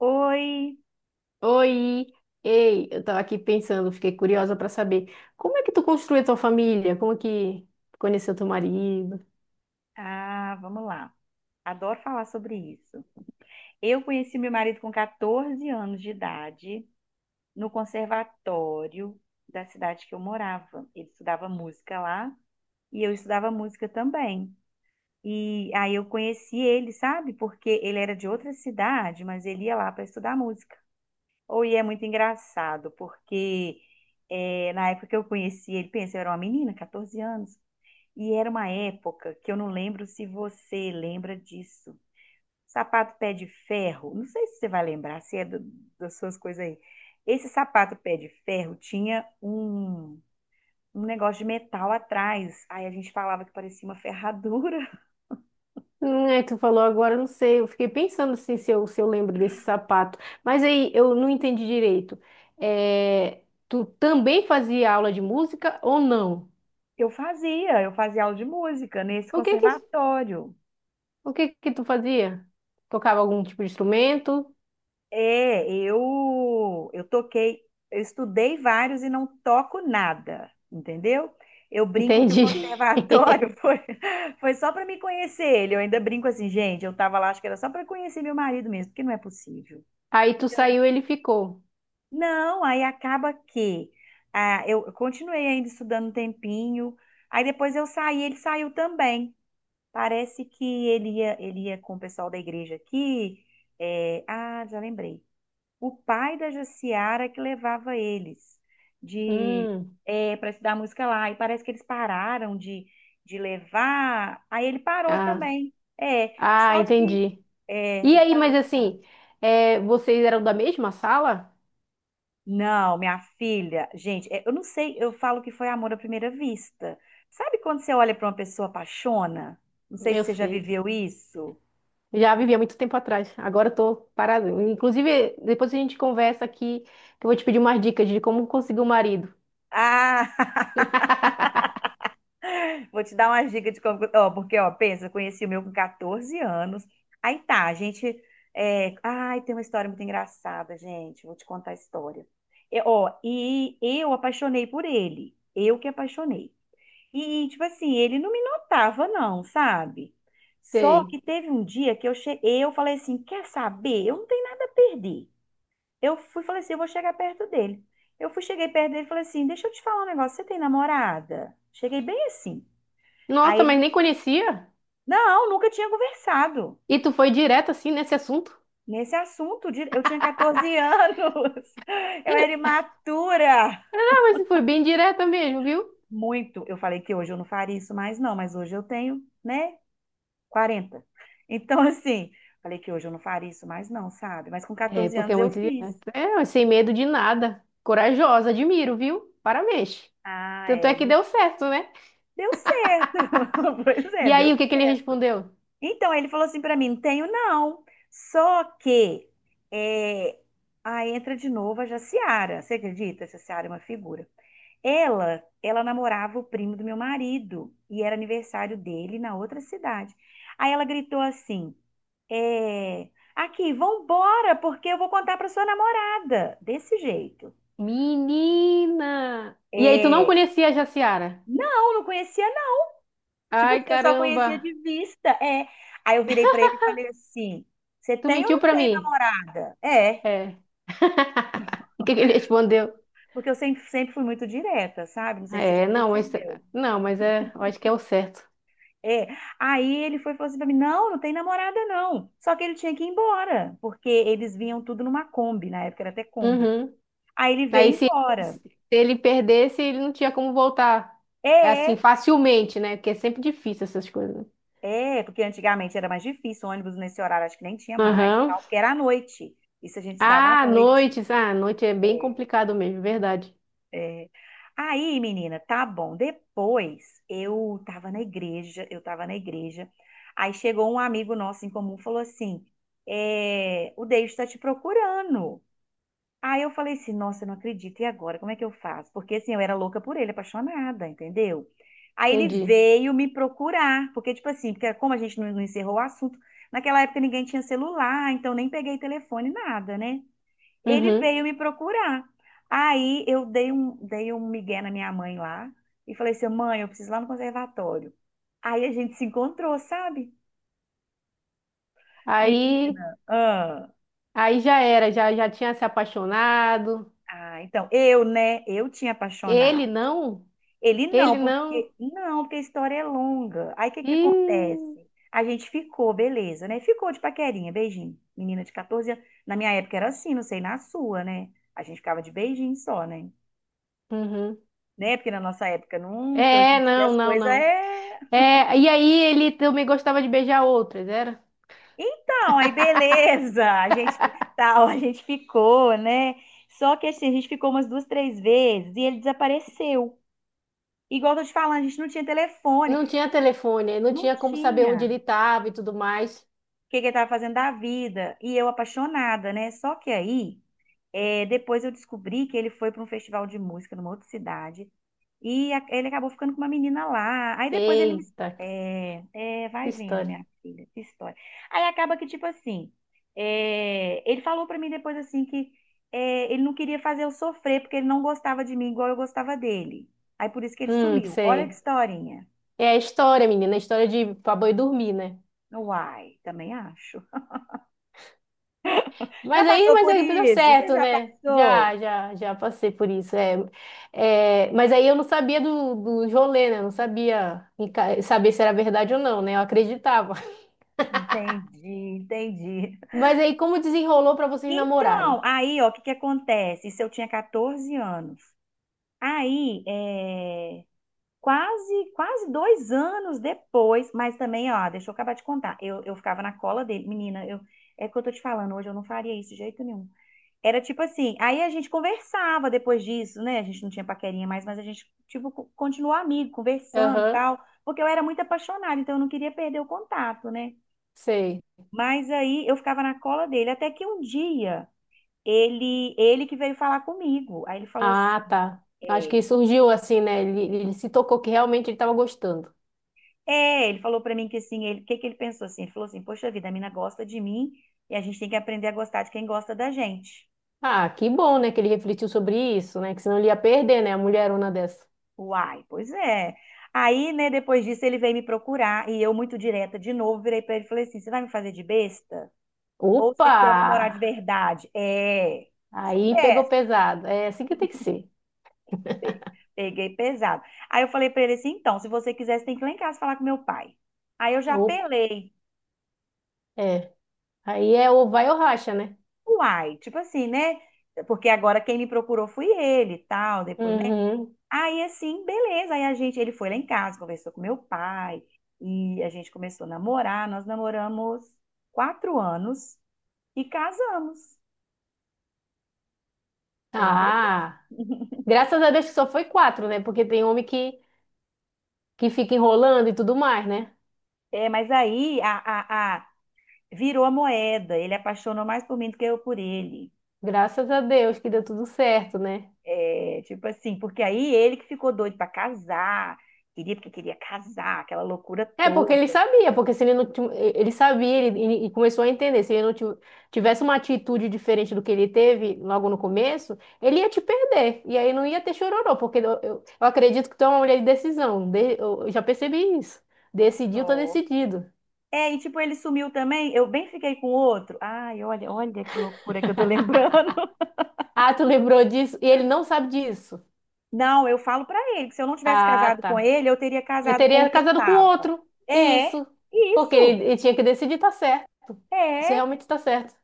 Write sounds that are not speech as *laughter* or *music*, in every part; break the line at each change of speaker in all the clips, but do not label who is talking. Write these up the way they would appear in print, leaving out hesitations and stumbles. Oi!
Oi, ei, eu tava aqui pensando, fiquei curiosa para saber como é que tu construiu a tua família, como é que tu conheceu teu marido?
Ah, vamos lá. Adoro falar sobre isso. Eu conheci meu marido com 14 anos de idade, no conservatório da cidade que eu morava. Ele estudava música lá e eu estudava música também. E aí eu conheci ele, sabe? Porque ele era de outra cidade, mas ele ia lá para estudar música. Ou e é muito engraçado, porque na época que eu conheci ele, pensa, eu era uma menina, 14 anos. E era uma época que eu não lembro se você lembra disso. Sapato pé de ferro, não sei se você vai lembrar, se é do- das suas coisas aí. Esse sapato pé de ferro tinha um negócio de metal atrás. Aí a gente falava que parecia uma *laughs* ferradura.
É, tu falou agora, eu não sei, eu fiquei pensando assim se eu lembro desse sapato, mas aí eu não entendi direito. É, tu também fazia aula de música ou não?
Eu fazia aula de música nesse
O que que,
conservatório.
o que que tu fazia? Tocava algum tipo de instrumento?
É, eu toquei, eu estudei vários e não toco nada, entendeu? Eu brinco que o
Entendi. *laughs*
conservatório *laughs* foi só para me conhecer ele. Eu ainda brinco assim, gente, eu tava lá, acho que era só para conhecer meu marido mesmo, porque não é possível.
Aí tu saiu, ele ficou.
Não, aí acaba que ah, eu continuei ainda estudando um tempinho, aí depois eu saí, ele saiu também. Parece que ele ia com o pessoal da igreja aqui. É, ah, já lembrei o pai da Jaciara que levava eles de
Hum,
é, para estudar música lá. E parece que eles pararam de levar. Aí ele parou
ah,
também. É,
ah,
só que
entendi.
é,
E
ele
aí,
parou
mas
de estudar.
assim, é, vocês eram da mesma sala?
Não, minha filha, gente, é, eu não sei, eu falo que foi amor à primeira vista. Sabe quando você olha para uma pessoa apaixona? Não sei se
Eu
você já
sei.
viveu isso.
Já vivi há muito tempo atrás. Agora eu tô parada. Inclusive, depois a gente conversa aqui, que eu vou te pedir umas dicas de como conseguir um marido.
Ah, vou te dar uma dica de como. Ó, porque, ó, pensa, eu conheci o meu com 14 anos. Aí tá, a gente. É, ai, tem uma história muito engraçada, gente. Vou te contar a história. E, ó, e eu apaixonei por ele. Eu que apaixonei. E, tipo assim, ele não me notava, não, sabe? Só
Sei.
que teve um dia que eu cheguei, eu falei assim: quer saber? Eu não tenho nada a perder. Eu fui, falei assim: eu vou chegar perto dele. Eu fui, cheguei perto dele e falei assim: deixa eu te falar um negócio, você tem namorada? Cheguei bem assim.
Nossa, mas
Aí
nem conhecia?
não, nunca tinha conversado
E tu foi direto assim nesse assunto?
nesse assunto. Eu tinha 14 anos, *laughs* eu era imatura.
Ah, mas foi bem direta mesmo, viu?
Muito. Eu falei que hoje eu não faria isso mais, não, mas hoje eu tenho, né, 40. Então, *laughs* assim, falei que hoje eu não faria isso mais, não, sabe? Mas com
É,
14
porque é
anos eu
muito
fiz.
direta. É, mas sem medo de nada. Corajosa, admiro, viu? Parabéns.
Ah,
Tanto é
é,
que deu certo, né?
deu certo. *laughs* Pois
E
é,
aí, o
deu
que que ele
certo.
respondeu?
Então, ele falou assim pra mim: não tenho, não. Só que. É... Aí entra de novo a Jaciara. Você acredita? A Jaciara é uma figura. Ela namorava o primo do meu marido e era aniversário dele na outra cidade. Aí ela gritou assim: é, aqui, vambora, porque eu vou contar para sua namorada. Desse jeito.
Menina! E aí, tu não
É,
conhecia a Jaciara?
não, não conhecia, não. Tipo assim,
Ai,
eu só conhecia
caramba!
de vista. É. Aí eu virei para ele e falei assim: você
Tu
tem ou
mentiu
não
pra
tem
mim?
namorada? É,
É. *laughs* O que que ele respondeu?
porque eu sempre, sempre fui muito direta, sabe? Não sei se você já
É, não, mas,
percebeu.
não, mas é, eu acho que é o certo.
É, aí ele foi e falou assim pra mim, não, não tem namorada não. Só que ele tinha que ir embora, porque eles vinham tudo numa Kombi, na época era até Kombi.
Uhum.
Aí ele
Aí,
veio
se,
embora.
se ele perdesse, ele não tinha como voltar. É assim,
É,
facilmente, né? Porque é sempre difícil essas coisas.
é, porque antigamente era mais difícil, ônibus nesse horário acho que nem tinha mais,
Aham.
tal, porque era à noite. Isso a gente se dava à
Ah,
noite.
noites. Ah, noite é bem
É.
complicado mesmo, verdade.
Aí, menina, tá bom. Depois eu tava na igreja. Aí chegou um amigo nosso em comum, e falou assim: é, o Deus está te procurando. Aí eu falei assim, nossa, eu não acredito, e agora? Como é que eu faço? Porque assim, eu era louca por ele, apaixonada, entendeu? Aí ele
Entendi.
veio me procurar, porque tipo assim, porque como a gente não encerrou o assunto, naquela época ninguém tinha celular, então nem peguei telefone, nada, né? Ele
Uhum.
veio me procurar. Aí eu dei dei um migué na minha mãe lá e falei assim, mãe, eu preciso ir lá no conservatório. Aí a gente se encontrou, sabe?
Aí,
Menina, ah,
aí já era, já tinha se apaixonado.
ah, então, eu, né, eu tinha apaixonado.
Ele não?
Ele não,
Ele não?
porque não, porque a história é longa. Aí o que que
Ih,
acontece? A gente ficou, beleza, né? Ficou de paquerinha, beijinho. Menina de 14 anos. Na minha época era assim, não sei na sua, né? A gente ficava de beijinho só, né?
uhum.
Né? Porque na nossa época não, porque hoje
É,
em dia
não,
as
não,
coisas
não.
é.
É, e aí ele também gostava de beijar outras, era?
Então, aí beleza, *laughs* a gente ficou, né? Só que assim, a gente ficou umas duas, três vezes e ele desapareceu. Igual eu tô te falando, a gente não tinha telefone.
Não tinha telefone, não
Não
tinha como saber onde
tinha.
ele estava e tudo mais.
Que ele estava fazendo da vida. E eu apaixonada, né? Só que aí, é, depois eu descobri que ele foi para um festival de música numa outra cidade. Ele acabou ficando com uma menina lá. Aí depois ele me.
Eita,
É, é,
que
vai vendo,
história.
minha filha, que história. Aí acaba que, tipo assim, é, ele falou pra mim depois assim que é, ele não queria fazer eu sofrer, porque ele não gostava de mim igual eu gostava dele. Aí por isso que ele sumiu. Olha que
Sei.
historinha.
É a história, menina, a história de pra boi dormir, né?
Uai, também acho. Já
Mas aí,
passou
mas
por
aí deu
isso? Você
certo,
já
né?
passou?
Já passei por isso. Mas aí eu não sabia do, do rolê, né? Eu não sabia em ca- saber se era verdade ou não, né? Eu acreditava. *laughs*
Entendi, entendi.
Mas aí, como desenrolou para vocês namorarem?
Então, aí, ó, o que que acontece? Isso eu tinha 14 anos. Aí, é, quase, quase 2 anos depois, mas também, ó, deixa eu acabar de contar. Eu ficava na cola dele. Menina, eu, é o que eu tô te falando, hoje eu não faria isso de jeito nenhum. Era tipo assim, aí a gente conversava depois disso, né? A gente não tinha paquerinha mais, mas a gente, tipo, continuou amigo, conversando e
Aham,
tal, porque eu era muito apaixonada, então eu não queria perder o contato, né?
sei.
Mas aí eu ficava na cola dele, até que um dia ele que veio falar comigo. Aí ele falou assim,
Ah, tá. Acho
é,
que surgiu assim, né? Ele se tocou que realmente ele estava gostando.
é, ele falou pra mim que assim, ele, o que que ele pensou assim? Ele falou assim, poxa vida, a mina gosta de mim e a gente tem que aprender a gostar de quem gosta da gente.
Ah, que bom, né? Que ele refletiu sobre isso, né? Que senão ele ia perder, né? A mulherona dessa.
Uai, pois é. Aí, né, depois disso ele veio me procurar e eu muito direta de novo, virei pra ele e falei assim, você vai me fazer de besta? Ou você
Opa!
quer namorar de verdade? É, sou
Aí pegou
dessa.
pesado. É assim que tem que ser.
Pe- Peguei pesado. Aí eu falei pra ele assim, então, se você quiser, você tem que ir lá em casa falar com meu pai. Aí eu já
Opa.
apelei.
Aí é ou vai ou racha, né?
Uai, tipo assim, né? Porque agora quem me procurou foi ele e tal, depois, né?
Uhum.
Aí assim, beleza. Aí a gente, ele foi lá em casa, conversou com meu pai e a gente começou a namorar. Nós namoramos 4 anos e casamos, entendeu?
Ah, graças a Deus que só foi quatro, né? Porque tem homem que fica enrolando e tudo mais, né?
É, mas aí virou a moeda. Ele apaixonou mais por mim do que eu por ele.
Graças a Deus que deu tudo certo, né?
É, tipo assim, porque aí ele que ficou doido pra casar, queria porque queria casar, aquela loucura
É, porque
toda.
ele sabia, porque se ele não, ti- ele sabia, começou a entender, se ele não ti- tivesse uma atitude diferente do que ele teve logo no começo, ele ia te perder, e aí não ia ter chororô, porque eu acredito que tu é uma mulher de decisão, de- eu já percebi isso,
É
decidiu, tô
só.
decidido.
É, e tipo, ele sumiu também, eu bem fiquei com o outro. Ai, olha, olha que loucura que eu tô lembrando. *laughs*
Ah, tu lembrou disso? E ele não sabe disso.
Não, eu falo pra ele que se eu não tivesse
Ah,
casado com
tá.
ele, eu teria
Eu
casado com o
teria
que eu
casado com
tava.
outro.
É,
Isso. Porque
isso.
ele tinha que decidir, tá certo. Isso
É,
realmente tá certo.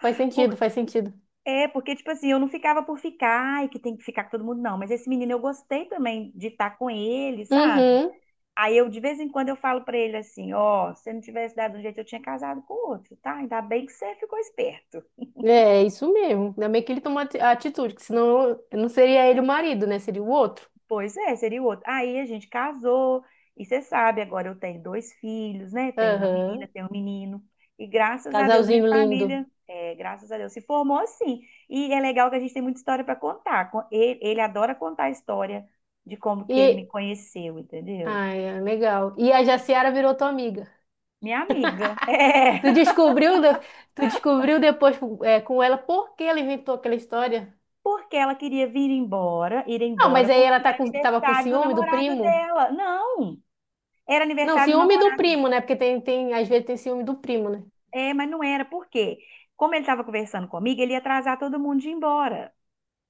Faz sentido,
porque,
faz sentido.
é, porque, tipo assim, eu não ficava por ficar e que tem que ficar com todo mundo, não. Mas esse menino eu gostei também de estar com ele, sabe?
Uhum.
Aí eu, de vez em quando, eu falo pra ele assim, ó, se você não tivesse dado um jeito, eu tinha casado com o outro, tá? Ainda bem que você ficou esperto.
É, é isso mesmo. Ainda bem que ele tomou ati- a atitude, que senão não seria ele o marido, né? Seria o outro.
Pois é, seria o outro. Aí a gente casou, e você sabe, agora eu tenho dois filhos, né? Tenho uma menina,
Aham.
tenho um menino. E graças a Deus, minha
Casalzinho lindo.
família, é, graças a Deus, se formou assim. E é legal que a gente tem muita história pra contar. Ele, ele adora contar a história de como que ele
E.
me conheceu, entendeu?
Ai, é legal. E a Jaciara virou tua amiga.
Minha amiga. *laughs*
Tu
É.
descobriu, de- tu descobriu depois, é, com ela por que ela inventou aquela história?
Porque ela queria ir
Não,
embora,
mas aí ela
porque
tá
era
com, tava com
aniversário do
ciúme do
namorado
primo?
dela. Não, era
Não,
aniversário do
ciúme do
namorado.
primo, né? Porque às vezes tem ciúme do primo, né?
É, mas não era. Por quê? Como ele estava conversando comigo, ele ia atrasar todo mundo de ir embora.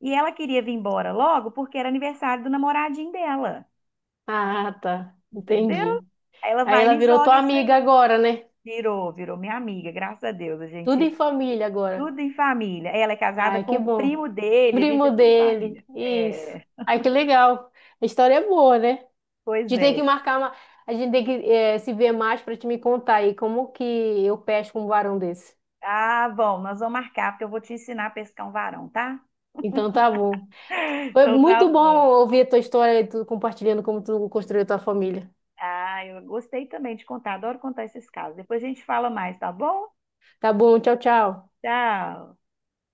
E ela queria vir embora logo porque era aniversário do namoradinho dela.
Ah, tá.
Entendeu?
Entendi.
Aí ela
Aí
vai e
ela
me
virou
joga
tua
isso
amiga
aí.
agora, né?
Virou minha amiga, graças a Deus. A
Tudo em
gente,
família agora.
tudo em família. Ela é casada
Ai,
com
que
o
bom.
primo dele, a gente
Primo
é tudo
dele.
família.
Isso.
É,
Ai, que legal. A história é boa, né? A
pois
gente tem que
é.
marcar uma. A gente tem que se ver mais pra te me contar aí como que eu pesco um varão desse.
Ah, bom, nós vamos marcar, porque eu vou te ensinar a pescar um varão, tá?
Então tá bom. Foi
Então tá
muito bom
bom.
ouvir a tua história e tu compartilhando como tu construiu a tua família.
Ah, eu gostei também de contar, adoro contar esses casos. Depois a gente fala mais, tá bom?
Tá bom, tchau, tchau.
Tchau.